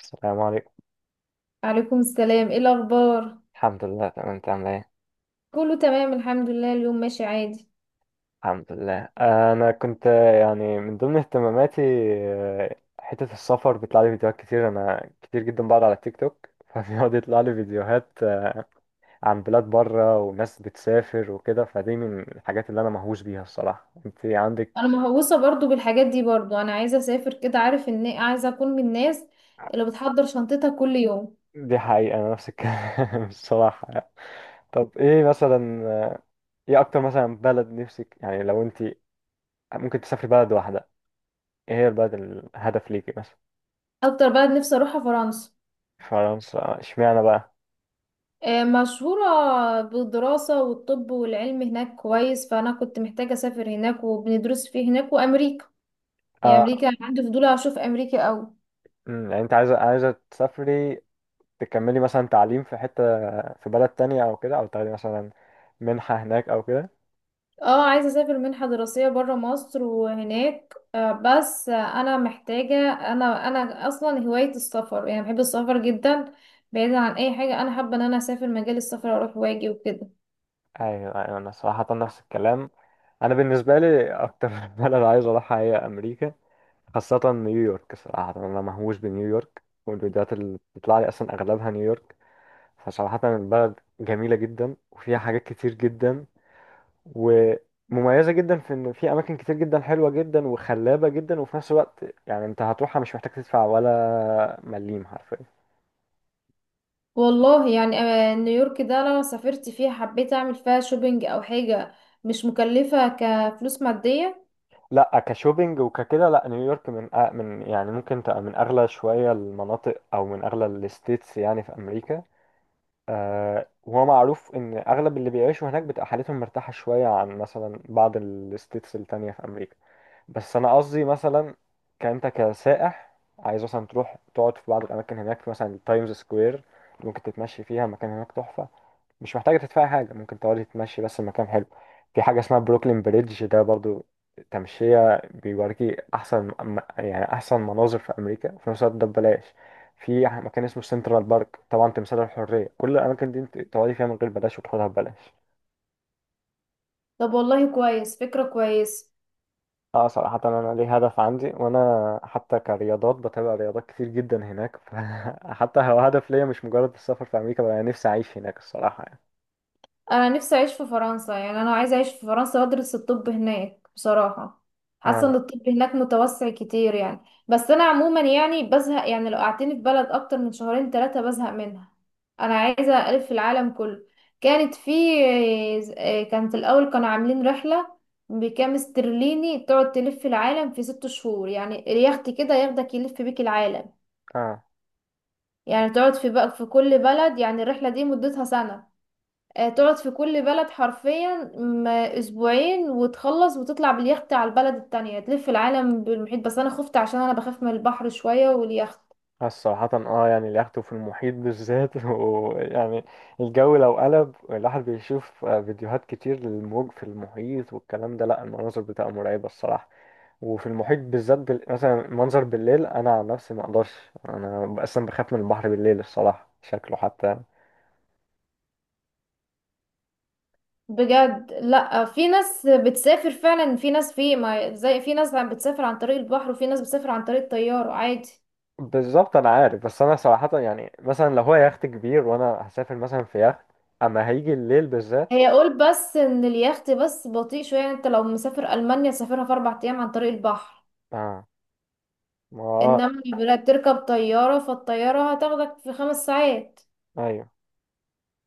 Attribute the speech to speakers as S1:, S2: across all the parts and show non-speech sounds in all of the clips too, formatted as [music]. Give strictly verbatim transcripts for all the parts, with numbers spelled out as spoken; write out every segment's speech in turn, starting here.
S1: السلام عليكم.
S2: عليكم السلام، ايه الاخبار؟
S1: الحمد لله تمام، انت عامل ايه؟
S2: كله تمام الحمد لله، اليوم ماشي عادي.
S1: الحمد لله. انا كنت آه، يعني من ضمن اهتماماتي آه، حتة السفر. بيطلع لي فيديوهات كتير، انا كتير جدا بقعد على تيك توك [laughs] فبيقعد يطلع لي فيديوهات آه، عن بلاد بره وناس بتسافر وكده. فدي من الحاجات اللي انا مهووس بيها الصراحة. انت عندك؟
S2: انا مهووسه برضو بالحاجات دي، برضو انا عايزه اسافر، كده عارف ان عايزه اكون من الناس اللي بتحضر شنطتها كل يوم.
S1: دي حقيقة، انا نفس الكلام [laughs] الصراحة يعني. طب ايه مثلا، آه، ايه اكتر مثلا بلد نفسك، يعني لو انت ممكن تسافري بلد واحدة، ايه هي البلد الهدف ليكي مثلا؟
S2: اكتر بلد نفسي اروحها فرنسا.
S1: فرنسا؟ اشمعنى بقى؟
S2: آه، مشهوره بالدراسه والطب والعلم هناك كويس، فانا كنت محتاجه اسافر هناك وبندرس فيه هناك وامريكا. يعني
S1: اه.
S2: امريكا عندي فضول اشوف امريكا قوي.
S1: أمم، يعني انت عايزه عايزه تسافري تكملي مثلا تعليم في حته، في بلد تانية او كده، او تاخدي مثلا منحه هناك او كده؟
S2: اه، عايزة اسافر منحة دراسية برا مصر وهناك. آه، بس آه، انا محتاجة، انا انا اصلا هواية السفر، يعني بحب السفر جدا. بعيدا عن اي حاجة، انا حابة ان انا اسافر مجال السفر، اروح واجي وكده.
S1: ايوه ايوه، انا صراحه نفس الكلام. انا بالنسبه لي اكتر [laughs] بلد عايز اروحها هي امريكا، خاصه نيويورك. صراحه انا مهووس بنيويورك، والفيديوهات اللي بتطلع لي اصلا اغلبها نيويورك. فصراحه البلد جميله جدا وفيها حاجات كتير جدا ومميزة جدا، في ان في اماكن كتير جدا حلوة جدا وخلابة جدا، وفي نفس الوقت يعني انت هتروحها مش محتاج تدفع ولا مليم حرفيا.
S2: والله يعني، آه، نيويورك ده لو سافرت فيها حبيت اعمل فيها شوبينج او حاجة مش مكلفة كفلوس مادية.
S1: لا كشوبينج وككده لا، نيويورك من أ- من يعني ممكن تبقى من اغلى شوية المناطق، او من اغلى الستيتس يعني في امريكا. آه، وهو معروف ان اغلب اللي بيعيشوا هناك بتبقى حالتهم مرتاحة شوية عن مثلا بعض الستيتس التانية في امريكا. بس انا قصدي مثلا كانت كسائح، عايز مثلا تروح تقعد في بعض الاماكن هناك، في مثلا تايمز سكوير ممكن تتمشي فيها، مكان هناك تحفه، مش محتاجه تدفع حاجه، ممكن تقعد تتمشي بس، المكان حلو. في حاجه اسمها بروكلين بريدج ده برضو، تمشيه بيوريكي، احسن م- يعني احسن مناظر في امريكا، وفي نفس الوقت ده ببلاش. في مكان اسمه سنترال بارك، طبعا تمثال الحريه، كل الاماكن دي انت تقعدي فيها من غير بلاش، وتاخدها ببلاش.
S2: طب والله، كويس فكرة كويسة.
S1: اه صراحة أنا ليه هدف عندي، وأنا حتى كرياضات بتابع رياضات كتير جدا هناك [laughs] فحتى هو هدف ليا مش مجرد السفر في أمريكا، بقى نفسي أعيش هناك الصراحة يعني.
S2: انا نفسي اعيش في فرنسا، يعني انا عايزه اعيش في فرنسا وادرس الطب هناك بصراحه. حاسه ان
S1: اه.
S2: الطب هناك متوسع كتير يعني. بس انا عموما يعني بزهق، يعني لو قعدتني في بلد اكتر من شهرين ثلاثه بزهق منها. انا عايزه الف في العالم كله. كانت في كانت الاول كانوا عاملين رحله بكام استرليني تقعد تلف في العالم في ست شهور، يعني اليخت كده ياخدك يلف بيك العالم.
S1: اه.
S2: يعني تقعد في بقى في كل بلد، يعني الرحله دي مدتها سنه. آه، تقعد في كل بلد حرفيا م- اسبوعين وتخلص وتطلع باليخت على البلد التانية تلف العالم بالمحيط، بس انا خفت عشان انا بخاف من البحر شوية واليخت.
S1: آه، صراحة اه، يعني اليخت في المحيط بالذات [laughs] ويعني الجو لو قلب، الواحد بيشوف آه، فيديوهات كتير للموج في المحيط والكلام ده، لا المناظر بتبقى مرعبة الصراحة. وفي المحيط بالذات بال... مثلا منظر بالليل، أنا عن نفسي مقدرش. أنا أصلا بخاف من البحر بالليل الصراحة، شكله حتى.
S2: بجد، لا، في ناس بتسافر فعلا، في ناس، في ما زي في ناس عم بتسافر عن طريق البحر، وفي ناس بتسافر عن طريق الطيارة عادي.
S1: بالظبط انا عارف، بس انا صراحة يعني مثلا لو هو يخت كبير وانا هسافر مثلا في يخت، اما هيجي الليل بالذات.
S2: هي قول بس ان اليخت بس بطيء شوية، يعني انت لو مسافر المانيا تسافرها في اربع ايام عن طريق البحر.
S1: اه. ما آه،
S2: انما بلا- بتركب طيارة، فالطيارة هتاخدك في خمس ساعات.
S1: ايوه.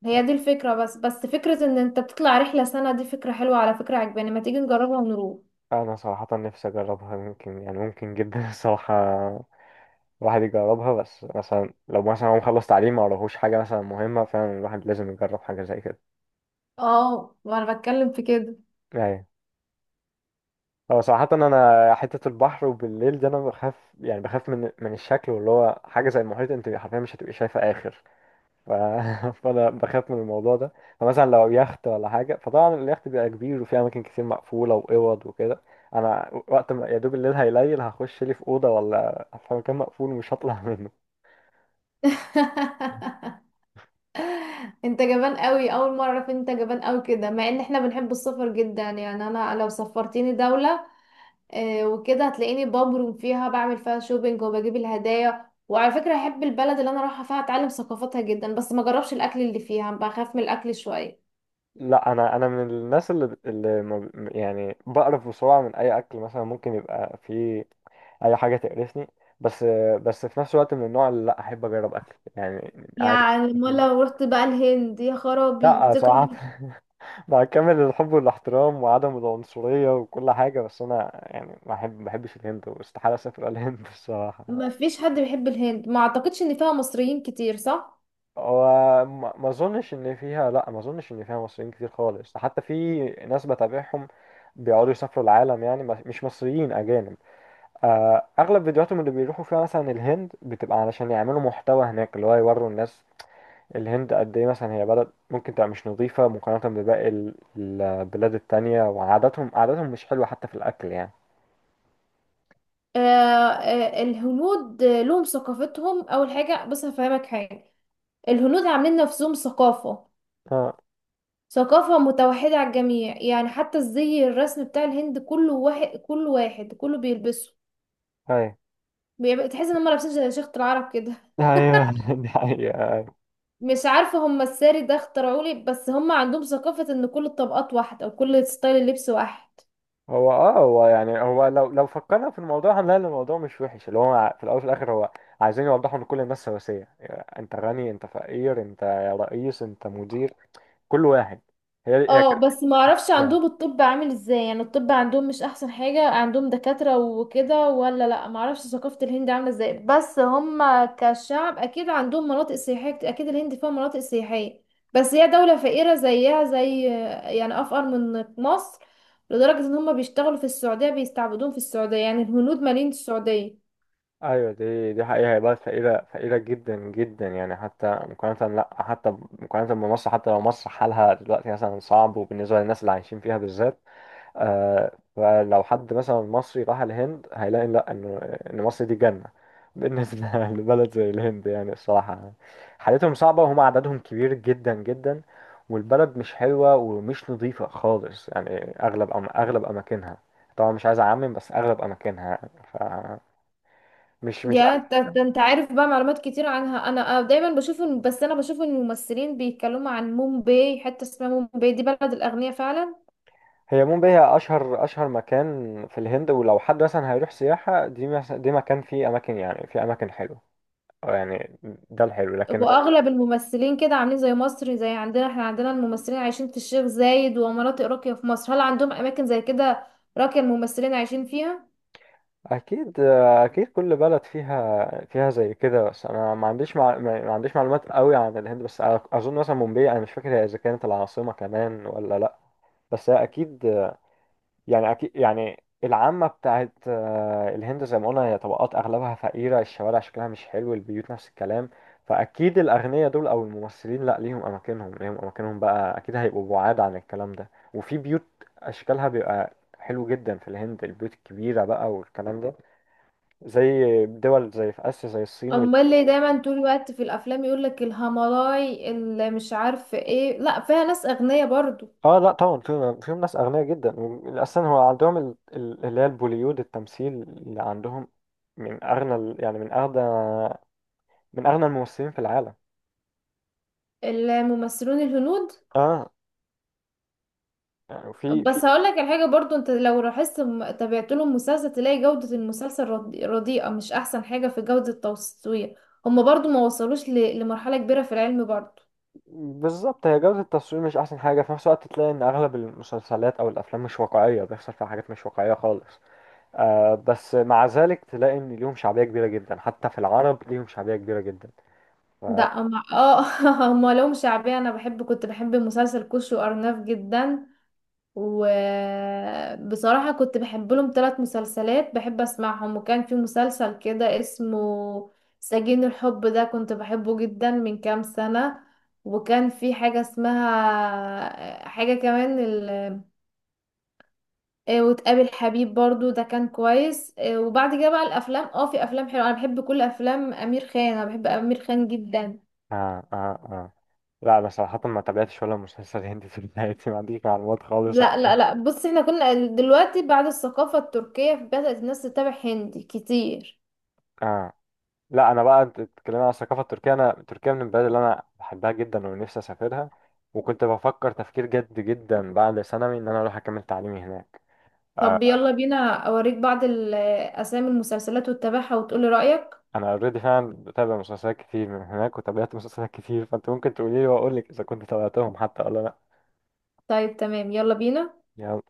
S2: هي دي الفكرة بس بس فكرة ان انت تطلع رحلة سنة، دي فكرة حلوة، على فكرة عجباني، ما تيجي نجربها ونروح.
S1: انا صراحة نفسي اجربها، ممكن يعني ممكن جدا [laughs] الصراحة الواحد يجربها. بس مثلا لو مثلا هو مخلص تعليم، ما وراهوش حاجة مثلا مهمة، فعلا الواحد لازم يجرب حاجة زي كده.
S2: اه، ما انا بتكلم في كده.
S1: ايوه. هو صراحة انا حتة البحر وبالليل ده انا بخاف، يعني بخاف من من الشكل، واللي هو حاجة زي المحيط انت حرفيا مش هتبقي شايفة اخر. ف... [laughs] فانا بخاف من الموضوع ده. فمثلا لو يخت ولا حاجه، فطبعا اليخت بيبقى كبير وفيه اماكن كتير مقفوله واوض وكده. انا وقت ما يا دوب الليل هيليل هخش لي في اوضه ولا في مكان مقفول ومش هطلع [laughs] منه.
S2: [laughs] انت جبان قوي، اول مره اعرف إن انت جبان قوي كده، مع ان احنا بنحب السفر جدا، يعني انا لو سفرتيني دوله آه، وكده هتلاقيني ببرم فيها، بعمل فيها شوبينج وبجيب الهدايا، وعلى فكره احب البلد اللي انا رايحه فيها اتعلم ثقافتها جدا، بس ما جربش الاكل اللي فيها، بخاف من الاكل شويه.
S1: لا انا انا من الناس اللي, اللي ما ب- يعني بقرف بسرعه من اي اكل، مثلا ممكن يبقى فيه اي حاجه تقرفني. بس بس في نفس الوقت من النوع اللي لا احب اجرب اكل يعني. عايز
S2: يعني ما
S1: أكل.
S2: لو رحت بقى الهند يا خرابي
S1: لا صراحه
S2: تكره.
S1: [laughs] مع كامل الحب والاحترام وعدم العنصرية وكل حاجة، بس أنا يعني ما أحب ما بحبش الهند، واستحالة أسافر الهند [laughs] الصراحة.
S2: ما فيش حد بيحب الهند، ما اعتقدش ان فيها مصريين كتير، صح؟
S1: هو ما ما أظنش إن فيها، لأ ما أظنش إن فيها مصريين كتير خالص. حتى في ناس بتابعهم بيقعدوا يسافروا العالم، يعني بس- مش مصريين، أجانب. آه، أغلب فيديوهاتهم اللي بيروحوا فيها مثلا الهند بتبقى علشان يعملوا محتوى هناك، اللي هو يوروا الناس الهند قد إيه، مثلا هي بلد ممكن تبقى مش نظيفة مقارنة بباقي ال- البلاد التانية، وعاداتهم عاداتهم مش حلوة حتى في الأكل يعني.
S2: آه آه، الهنود آه، لهم ثقافتهم. اول حاجه بص هفهمك حاجه، الهنود عاملين نفسهم ثقافه،
S1: اه.
S2: ثقافه متوحده على الجميع، يعني حتى الزي الرسم بتاع الهند كله واحد، كله واحد كله بيلبسه.
S1: ايوه
S2: بيبقى- تحس ان هم لابسين زي شيخة العرب كده. [laughs]
S1: ايوه [laughs] دي حقيقة أيوة.
S2: مش عارفه هم الساري ده اخترعوا لي، بس هم عندهم ثقافه ان كل الطبقات واحده وكل ستايل اللبس واحد.
S1: هو اه، هو يعني هو لو لو فكرنا في الموضوع هنلاقي إن الموضوع مش وحش، اللي هو ع- في الاول وفي الاخر هو عايزين يوضحوا ان كل الناس سواسية، يعني انت غني انت فقير انت رئيس انت مدير، كل واحد. هي هي
S2: اه بس ما اعرفش
S1: كده.
S2: عندهم الطب عامل ازاي، يعني الطب عندهم مش احسن حاجة، عندهم دكاترة وكده ولا لا؟ ما اعرفش ثقافة الهند عاملة ازاي، بس هم كشعب اكيد عندهم مناطق سياحية، اكيد الهند فيها مناطق سياحية. بس هي دولة فقيرة زيها زي، يعني افقر من مصر، لدرجة ان هم بيشتغلوا في السعودية، بيستعبدون في السعودية، يعني الهنود مالين السعودية.
S1: ايوه دي دي حقيقة. هي بقى فقيرة، فقيرة جدا جدا، يعني حتى مقارنة، لا حتى مقارنة بمصر. حتى لو مصر حالها دلوقتي مثلا صعب وبالنسبة للناس اللي عايشين فيها بالذات، آه فلو حد مثلا مصري راح الهند هيلاقي لا انه ان مصر دي جنة بالنسبة [laughs] لبلد زي الهند، يعني الصراحة حالتهم صعبة، وهم عددهم كبير جدا جدا، والبلد مش حلوة ومش نظيفة خالص يعني اغلب، أم اغلب اماكنها. طبعا مش عايز اعمم، بس اغلب اماكنها يعني، ف مش مش
S2: يا ت- ت- انت عارف بقى معلومات كتير عنها، انا دايما بشوف إن- بس انا بشوف ان الممثلين بيتكلموا عن مومباي. حته اسمها مومباي دي بلد الاغنياء فعلا.
S1: هي. مومباي هي اشهر اشهر مكان في الهند، ولو حد مثلا هيروح سياحة دي مس- دي مكان فيه اماكن، يعني فيه اماكن حلوة أو يعني، ده الحلو لكن.
S2: واغلب الممثلين كده عاملين زي مصر، زي عندنا احنا، عندنا الممثلين عايشين في الشيخ زايد ومناطق راقيه في مصر، هل عندهم اماكن زي كده راقيه الممثلين عايشين فيها؟
S1: اكيد اكيد، كل بلد فيها فيها زي كده. بس انا ما عنديش مع... ما ما عنديش معلومات قوي عن الهند، بس أ- اظن مثلا مومباي، انا مش فاكر هي اذا كانت العاصمة كمان ولا لا، بس هي اكيد، يعني أكيد يعني العامة بتاعت آه، الهند زي ما قلنا هي طبقات أغلبها فقيرة، الشوارع شكلها مش حلو، البيوت نفس الكلام. فأكيد الأغنياء دول أو الممثلين لأ، ليهم أماكنهم، ليهم أماكنهم بقى أكيد، هيبقوا بعاد عن الكلام ده، وفي بيوت أشكالها بيبقى حلو جدا في الهند، البيوت الكبيرة بقى والكلام ده، زي دول زي في آسيا زي الصين وال...
S2: امال اللي دايما طول الوقت في الافلام يقول لك الهملاي اللي مش عارف ايه، لا فيها ناس اغنياء برضو.
S1: اه لا طبعا فيهم، فيهم ناس أغنياء جدا. أصلا هو عندهم ال- ال- اللي هي البوليود، التمثيل اللي عندهم من أغنى ال- يعني من أغنى من اغنى الممثلين في العالم.
S2: الممثلون الهنود.
S1: اه. يعني في في،
S2: بس هقول لك الحاجه برضو، انت لو لاحظت م- تابعت لهم مسلسل تلاقي جوده المسلسل ردي- رديئه، مش احسن حاجه في جوده التصوير. هما برضو ما وصلوش ل- لمرحله كبيره في العلم برضو.
S1: بالظبط. هي جودة التصوير مش احسن حاجة، في نفس الوقت تلاقي ان اغلب المسلسلات او الافلام مش واقعية، بيحصل فيها حاجات مش واقعية خالص. آه بس مع ذلك تلاقي ان ليهم شعبية كبيرة جدا، حتى في العرب ليهم شعبية كبيرة جدا. ف...
S2: ده
S1: آه
S2: أما اه [laughs] هما لهم شعبيه. انا بحب كنت بحب مسلسل كوش وارناف جدا، وبصراحة كنت بحب لهم ثلاث مسلسلات بحب أسمعهم، وكان في مسلسل كده اسمه سجين الحب، ده كنت بحبه جدا من كام سنة. وكان في حاجة اسمها حاجة كمان ال... آه، وتقابل حبيب برضو، ده كان كويس. آه، وبعد كده بقى الأفلام، اه في أفلام حلوة، أنا بحب كل أفلام أمير خان، أنا بحب أمير خان جدا.
S1: آه آه لا انا صراحة ما تابعتش ولا مسلسل هندي في حياتي، ما عنديش معلومات خالص
S2: لا
S1: عنه.
S2: لا لا، بص احنا كنا دلوقتي بعد الثقافة التركية بدأت الناس تتابع هندي كتير.
S1: آه لا انا بقى، انت بتتكلمي عن الثقافه التركيه، انا تركيا من البلاد اللي انا بحبها جدا ونفسي اسافرها، وكنت بفكر تفكير جد جدا بعد ثانوي ان انا اروح اكمل تعليمي هناك. آه،
S2: طب يلا بينا اوريك بعض الاسامي المسلسلات واتبعها وتقولي رأيك.
S1: انا اوريدي، فعلا بتابع مسلسلات كتير من هناك وتابعت مسلسلات كتير، فانت ممكن تقولي لي واقول لك اذا كنت تابعتهم حتى ولا لا.
S2: طيب تمام يلا بينا.
S1: يلا.